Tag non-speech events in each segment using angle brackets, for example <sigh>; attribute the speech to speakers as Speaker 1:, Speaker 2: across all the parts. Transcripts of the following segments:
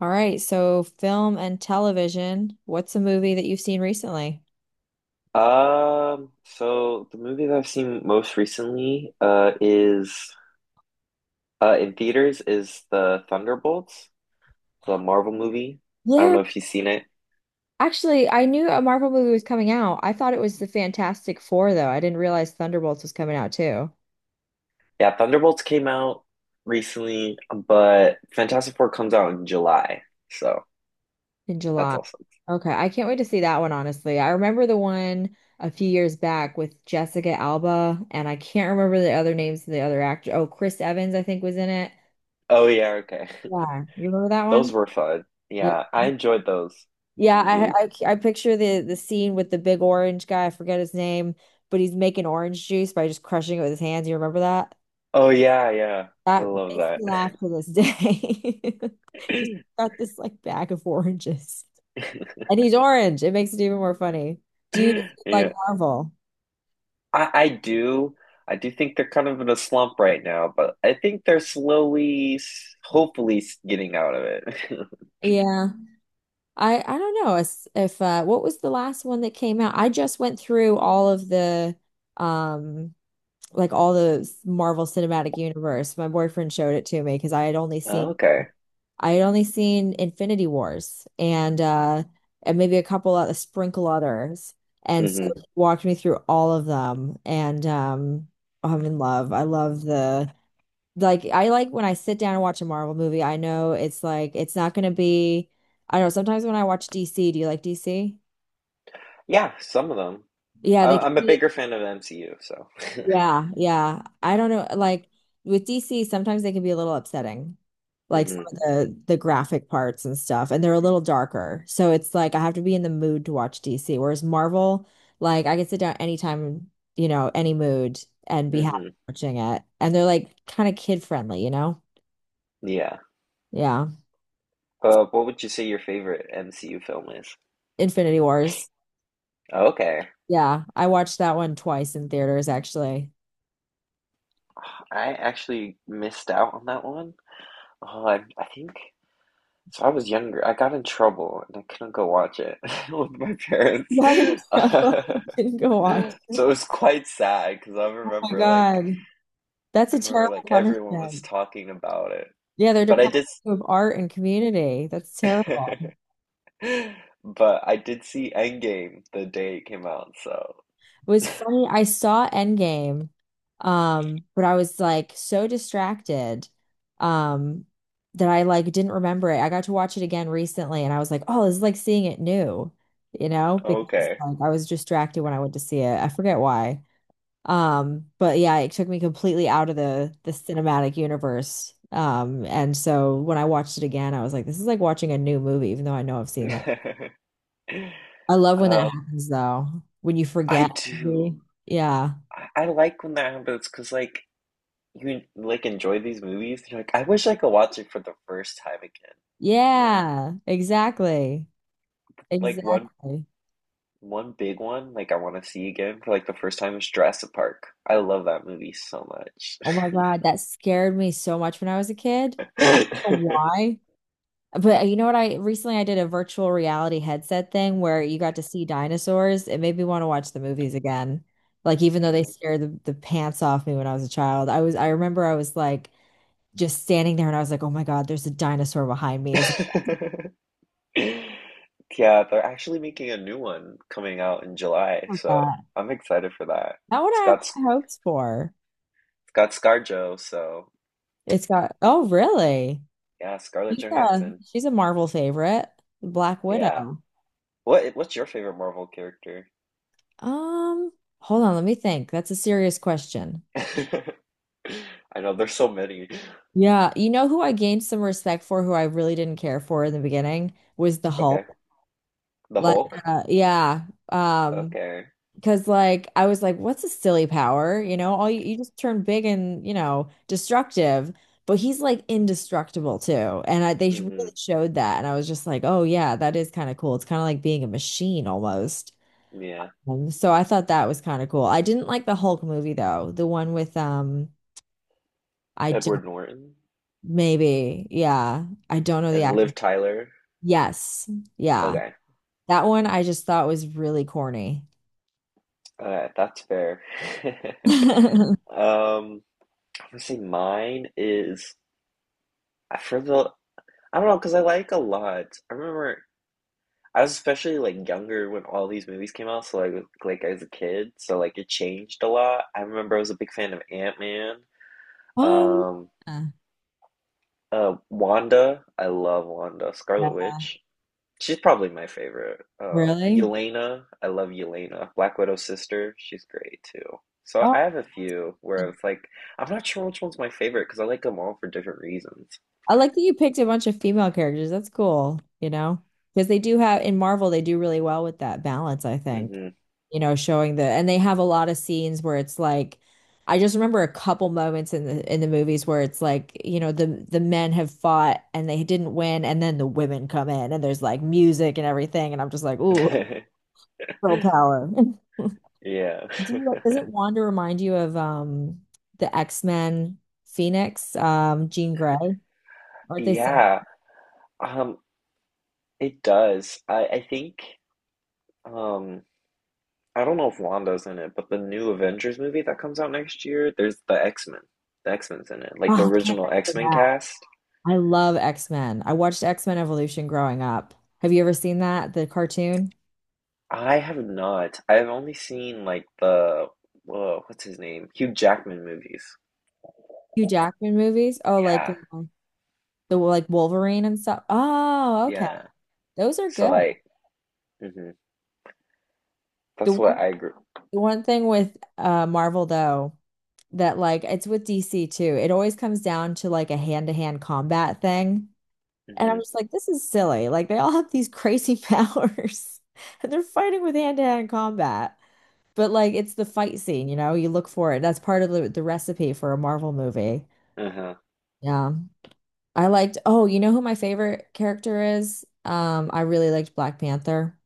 Speaker 1: All right, so film and television. What's a movie that you've seen recently?
Speaker 2: So the movie that I've seen most recently is in theaters is the Thunderbolts, the Marvel movie. I don't
Speaker 1: Yeah,
Speaker 2: know if you've seen it.
Speaker 1: actually, I knew a Marvel movie was coming out. I thought it was the Fantastic Four, though. I didn't realize Thunderbolts was coming out too
Speaker 2: Yeah, Thunderbolts came out recently, but Fantastic Four comes out in July. So
Speaker 1: in
Speaker 2: that's
Speaker 1: July.
Speaker 2: awesome.
Speaker 1: Okay, I can't wait to see that one, honestly. I remember the one a few years back with Jessica Alba, and I can't remember the other names of the other actor. Oh, Chris Evans, I think, was in it.
Speaker 2: Oh yeah, okay.
Speaker 1: Yeah, you remember that
Speaker 2: <laughs>
Speaker 1: one?
Speaker 2: Those were fun.
Speaker 1: Yeah.
Speaker 2: Yeah, I enjoyed those
Speaker 1: Yeah,
Speaker 2: movies.
Speaker 1: I, I I picture the scene with the big orange guy. I forget his name, but he's making orange juice by just crushing it with his hands. You remember that?
Speaker 2: Oh yeah, yeah. I
Speaker 1: That
Speaker 2: love
Speaker 1: makes
Speaker 2: that.
Speaker 1: me laugh to this day. <laughs> Just got this like bag of oranges,
Speaker 2: <laughs>
Speaker 1: and he's orange. It makes it even more funny. Do you like
Speaker 2: Yeah.
Speaker 1: Marvel?
Speaker 2: I do. I do think they're kind of in a slump right now, but I think they're slowly, hopefully, getting out of it. <laughs>
Speaker 1: Yeah, I don't know if, what was the last one that came out? I just went through all of the um like all the Marvel Cinematic Universe. My boyfriend showed it to me because I had only
Speaker 2: Oh,
Speaker 1: seen.
Speaker 2: okay.
Speaker 1: I had only seen Infinity Wars and and maybe a couple of a sprinkle others. And so
Speaker 2: hmm
Speaker 1: he walked me through all of them and I'm in love. I love the like I like when I sit down and watch a Marvel movie, I know it's like it's not gonna be I don't know, sometimes when I watch DC, do you like DC?
Speaker 2: Yeah, some of them.
Speaker 1: Yeah,
Speaker 2: I,
Speaker 1: they can
Speaker 2: I'm a
Speaker 1: be,
Speaker 2: bigger fan of MCU, so.
Speaker 1: yeah, yeah. I don't know, like with DC, sometimes they can be a little upsetting. Like some
Speaker 2: hmm
Speaker 1: of the graphic parts and stuff, and they're a little darker. So it's like I have to be in the mood to watch DC. Whereas Marvel, like I can sit down anytime, you know, any mood and be happy
Speaker 2: hmm
Speaker 1: watching it. And they're like kind of kid friendly, you know?
Speaker 2: Yeah.
Speaker 1: Yeah.
Speaker 2: What would you say your favorite MCU film is?
Speaker 1: Infinity Wars.
Speaker 2: Okay.
Speaker 1: Yeah. I watched that one twice in theaters actually. <laughs>
Speaker 2: I actually missed out on that one. Oh, I think so. I was younger. I got in trouble and I couldn't go watch it <laughs> with my parents.
Speaker 1: But I
Speaker 2: <laughs>
Speaker 1: didn't go watch. It.
Speaker 2: So it was quite sad because
Speaker 1: Oh my God. That's
Speaker 2: I
Speaker 1: a
Speaker 2: remember
Speaker 1: terrible
Speaker 2: like everyone was
Speaker 1: punishment.
Speaker 2: talking about it.
Speaker 1: Yeah, they're
Speaker 2: But I
Speaker 1: deprived
Speaker 2: did
Speaker 1: of art and community. That's terrible.
Speaker 2: s- <laughs> But I did see Endgame the day it came out, so
Speaker 1: It was funny. I saw Endgame, but I was like so distracted, um, that I like didn't remember it. I got to watch it again recently, and I was like, oh, this is like seeing it new, you know, because
Speaker 2: okay.
Speaker 1: like I was distracted when I went to see it. I forget why. But yeah, it took me completely out of the cinematic universe. And so when I watched it again, I was like, this is like watching a new movie, even though I know I've seen that.
Speaker 2: <laughs>
Speaker 1: I love when
Speaker 2: Uh,
Speaker 1: that happens though, when you
Speaker 2: I
Speaker 1: forget.
Speaker 2: do.
Speaker 1: Mhm. Yeah.
Speaker 2: I like when that happens because like you like enjoy these movies. You're like, I wish I could watch it for the first time again. You know,
Speaker 1: Yeah, exactly.
Speaker 2: like one
Speaker 1: Exactly.
Speaker 2: one big one, like I want to see again for like the first time, is Jurassic Park. I love that movie so much.
Speaker 1: Oh my God, that scared me so much when I was a kid. I don't know
Speaker 2: <laughs>
Speaker 1: why? But you know what? I recently I did a virtual reality headset thing where you got to see dinosaurs. It made me want to watch the movies again. Like even though they scared the pants off me when I was a child, I was I remember I was like just standing there and I was like, oh my God, there's a dinosaur behind me. Is
Speaker 2: Yeah. <laughs> Yeah, they're actually making a new one coming out in July, so
Speaker 1: that
Speaker 2: I'm excited for that.
Speaker 1: not what
Speaker 2: It's
Speaker 1: I have
Speaker 2: got it's
Speaker 1: high hopes for?
Speaker 2: got ScarJo, so
Speaker 1: It's got oh really?
Speaker 2: yeah, Scarlett
Speaker 1: She's a
Speaker 2: Johansson.
Speaker 1: she's a Marvel favorite, Black
Speaker 2: Yeah.
Speaker 1: Widow.
Speaker 2: What's your favorite Marvel character?
Speaker 1: Um, Hold on, let me think. That's a serious question.
Speaker 2: <laughs> I know there's so many.
Speaker 1: Yeah, you know who I gained some respect for, who I really didn't care for in the beginning was the
Speaker 2: Okay,
Speaker 1: Hulk.
Speaker 2: the
Speaker 1: Like,
Speaker 2: Hulk.
Speaker 1: uh, yeah, um,
Speaker 2: Okay.
Speaker 1: because like I was like, what's a silly power? You know, all you just turn big and you know destructive, but he's like indestructible too, they really
Speaker 2: hmm
Speaker 1: showed that, and I was just like, oh yeah, that is kind of cool. It's kind of like being a machine almost.
Speaker 2: Yeah,
Speaker 1: So I thought that was kind of cool. I didn't like the Hulk movie though. The one with I don't
Speaker 2: Edward Norton.
Speaker 1: maybe. Yeah. I don't know the
Speaker 2: And
Speaker 1: actor.
Speaker 2: Liv Tyler.
Speaker 1: Yes. Yeah.
Speaker 2: Okay.
Speaker 1: That one I just thought was really corny.
Speaker 2: Okay, that's fair. <laughs>
Speaker 1: <laughs>
Speaker 2: Um, I'm gonna say mine is I for the I don't know because I like a lot. I remember I was especially like younger when all these movies came out, so like as a kid, so like it changed a lot. I remember I was a big fan of Ant-Man.
Speaker 1: Um,
Speaker 2: Um,
Speaker 1: uh,
Speaker 2: Wanda. I love Wanda,
Speaker 1: yeah,
Speaker 2: Scarlet Witch. She's probably my favorite.
Speaker 1: really?
Speaker 2: Yelena, I love Yelena, Black Widow's sister. She's great too. So
Speaker 1: Oh.
Speaker 2: I have a few where it's like I'm not sure which one's my favorite because I like them all for different reasons.
Speaker 1: I like that you picked a bunch of female characters. That's cool, you know, because they do have in Marvel, they do really well with that balance, I think.
Speaker 2: hmm
Speaker 1: You know, showing the and they have a lot of scenes where it's like I just remember a couple moments in the movies where it's like, you know, the men have fought and they didn't win and then the women come in and there's like music and everything and I'm just like, ooh,
Speaker 2: <laughs>
Speaker 1: girl
Speaker 2: Yeah.
Speaker 1: power. <laughs> Do
Speaker 2: <laughs>
Speaker 1: you- Doesn't Wanda remind you of the X-Men Phoenix, Jean Grey? Aren't they similar?
Speaker 2: Yeah. Um, it does. I think um I don't know if Wanda's in it, but the new Avengers movie that comes out next year, there's the X-Men. The X-Men's in it.
Speaker 1: Oh,
Speaker 2: Like the
Speaker 1: I can't
Speaker 2: original
Speaker 1: remember
Speaker 2: X-Men
Speaker 1: that.
Speaker 2: cast.
Speaker 1: I love X-Men. I watched X-Men Evolution growing up. Have you ever seen that? The cartoon?
Speaker 2: I have not. I've only seen like what's his name? Hugh Jackman movies.
Speaker 1: Hugh Jackman movies? Oh,
Speaker 2: Yeah,
Speaker 1: the like Wolverine and stuff. Oh, okay.
Speaker 2: yeah.
Speaker 1: Those are
Speaker 2: So
Speaker 1: good.
Speaker 2: like, hmm
Speaker 1: The
Speaker 2: that's
Speaker 1: one
Speaker 2: what I grew.
Speaker 1: the one thing with Marvel though, that like it's with DC too. It always comes down to like a hand-to-hand combat thing. And
Speaker 2: hmm
Speaker 1: I'm just like, this is silly. Like they all have these crazy <laughs> powers and they're fighting with hand-to-hand combat. But like it's the fight scene, you know, you look for it. That's part of the recipe for a Marvel movie.
Speaker 2: Uh-huh.
Speaker 1: Yeah. I liked, oh, you know who my favorite character is? I really liked Black Panther.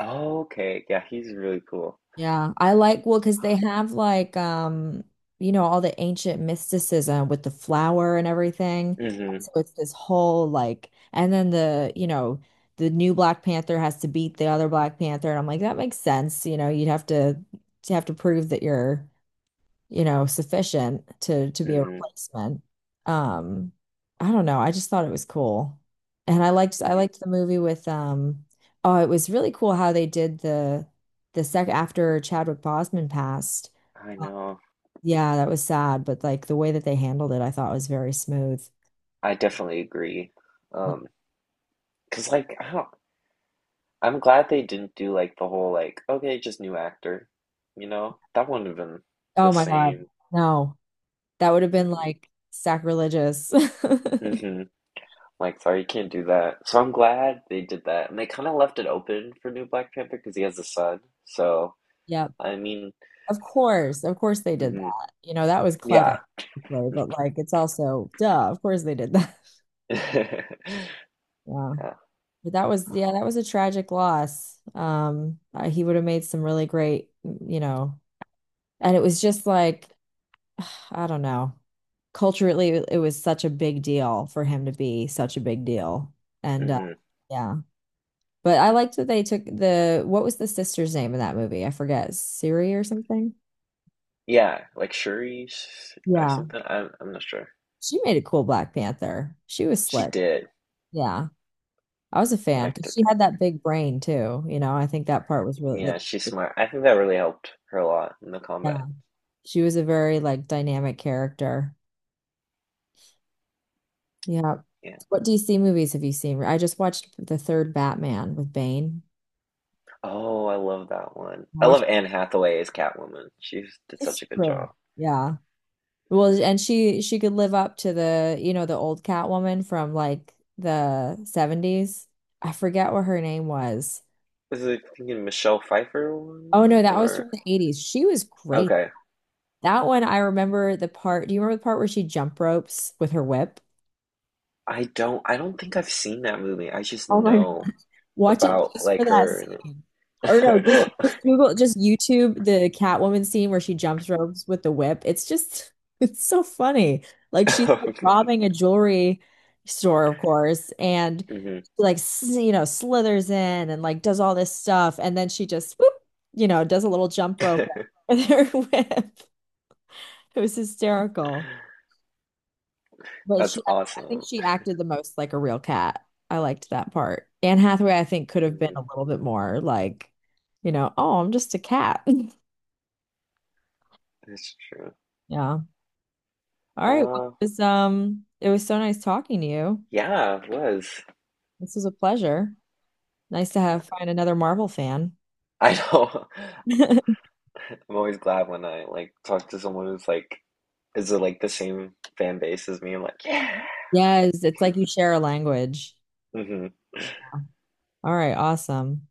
Speaker 2: Oh, okay. Yeah, he's really cool.
Speaker 1: Yeah. I like, well, because they have like you know, all the ancient mysticism with the flower and everything.
Speaker 2: hmm
Speaker 1: So it's this whole like and then the, you know, the new Black Panther has to beat the other Black Panther. And I'm like, that makes sense. You know, you'd have to have to prove that you're you know, sufficient to be a
Speaker 2: hmm
Speaker 1: replacement. Um, I don't know. I just thought it was cool. And I liked I
Speaker 2: Yeah,
Speaker 1: liked the movie with oh, it was really cool how they did the sec after Chadwick Boseman passed.
Speaker 2: I
Speaker 1: uh,
Speaker 2: know.
Speaker 1: Yeah, that was sad, but like the way that they handled it, I thought was very smooth.
Speaker 2: I definitely agree.
Speaker 1: Like,
Speaker 2: Um, 'Cause I'm glad they didn't do like the whole like, okay, just new actor. You know, that wouldn't have been
Speaker 1: oh
Speaker 2: the
Speaker 1: my God.
Speaker 2: same.
Speaker 1: No. That would have been
Speaker 2: Mm-hmm.
Speaker 1: like sacrilegious. <laughs>
Speaker 2: Mm-hmm. Like, sorry, you can't do that. So I'm glad they did that. And they kind of left it open for new Black Panther because he has a son. So,
Speaker 1: Yep.
Speaker 2: I mean,
Speaker 1: Of course they did
Speaker 2: mhm,
Speaker 1: that. You know, that was clever,
Speaker 2: yeah.
Speaker 1: basically, but like it's also duh, of course they did that. <laughs>
Speaker 2: <laughs>
Speaker 1: Yeah.
Speaker 2: Yeah.
Speaker 1: But that was yeah, that was a tragic loss. He would have made some really great, mm, you know, and it was just like <sighs> I don't know. Culturally, it was such a big deal for him to be such a big deal. And
Speaker 2: hmm
Speaker 1: yeah. But I liked that they took the what was the sister's name in that movie? I forget. Siri or something?
Speaker 2: Yeah, like Shuri or
Speaker 1: Yeah.
Speaker 2: something. I'm not sure.
Speaker 1: She made a cool Black Panther. She was
Speaker 2: She
Speaker 1: slick.
Speaker 2: did.
Speaker 1: Yeah. I was a
Speaker 2: I
Speaker 1: fan
Speaker 2: liked
Speaker 1: because
Speaker 2: her
Speaker 1: she had that
Speaker 2: character.
Speaker 1: big brain too. You know, I think that part was really
Speaker 2: Yeah,
Speaker 1: like,
Speaker 2: she's smart. I think that really helped her a lot in the
Speaker 1: yeah,
Speaker 2: combat.
Speaker 1: she was a very like dynamic character. Yeah.
Speaker 2: Yeah.
Speaker 1: What DC movies have you seen? I just watched the third Batman with Bane.
Speaker 2: Oh, I love that one.
Speaker 1: I
Speaker 2: I
Speaker 1: watched
Speaker 2: love
Speaker 1: <laughs>
Speaker 2: Anne Hathaway as Catwoman. She did such
Speaker 1: it's
Speaker 2: a good
Speaker 1: great.
Speaker 2: job.
Speaker 1: Yeah. Well, and she could live up to the, you know, the old Catwoman from like the 70s. I forget what her name was.
Speaker 2: Is it thinking Michelle Pfeiffer
Speaker 1: Oh no,
Speaker 2: one
Speaker 1: that was from
Speaker 2: or?
Speaker 1: the 80s. She was great.
Speaker 2: Okay.
Speaker 1: That one I remember the part. Do you remember the part where she jump ropes with her whip?
Speaker 2: I don't think I've seen that movie. I just
Speaker 1: Oh my God.
Speaker 2: know
Speaker 1: Watch it
Speaker 2: about
Speaker 1: just for
Speaker 2: like
Speaker 1: that
Speaker 2: her
Speaker 1: scene. Or no, just
Speaker 2: and <laughs>
Speaker 1: just Google, just YouTube the Catwoman scene where she jumps ropes with the whip. It's just, <laughs> it's so funny. Like she's robbing a jewelry store, of course, and
Speaker 2: Mhm.
Speaker 1: like s- you know slithers in and like does all this stuff, and then she just whoop, you know, does a little jump rope
Speaker 2: <laughs>
Speaker 1: with her <laughs> whip. It was hysterical. But
Speaker 2: That's
Speaker 1: she, I think
Speaker 2: awesome.
Speaker 1: she acted the most like a real cat. I liked that part. Anne Hathaway, I think, could have been a
Speaker 2: Mhm.
Speaker 1: little bit more like, you know, oh, I'm just a cat. <laughs>
Speaker 2: That's true.
Speaker 1: Yeah. All right. Well,
Speaker 2: Uh
Speaker 1: it was so nice talking to you.
Speaker 2: yeah, it was.
Speaker 1: This was a pleasure. Nice to have find another Marvel fan.
Speaker 2: I know.
Speaker 1: <laughs>
Speaker 2: <laughs> I'm always glad when I like talk to someone who's like is it like the same fan base as me? I'm like, yeah.
Speaker 1: Yes, it's like you share a language.
Speaker 2: Mhm.
Speaker 1: All right, awesome.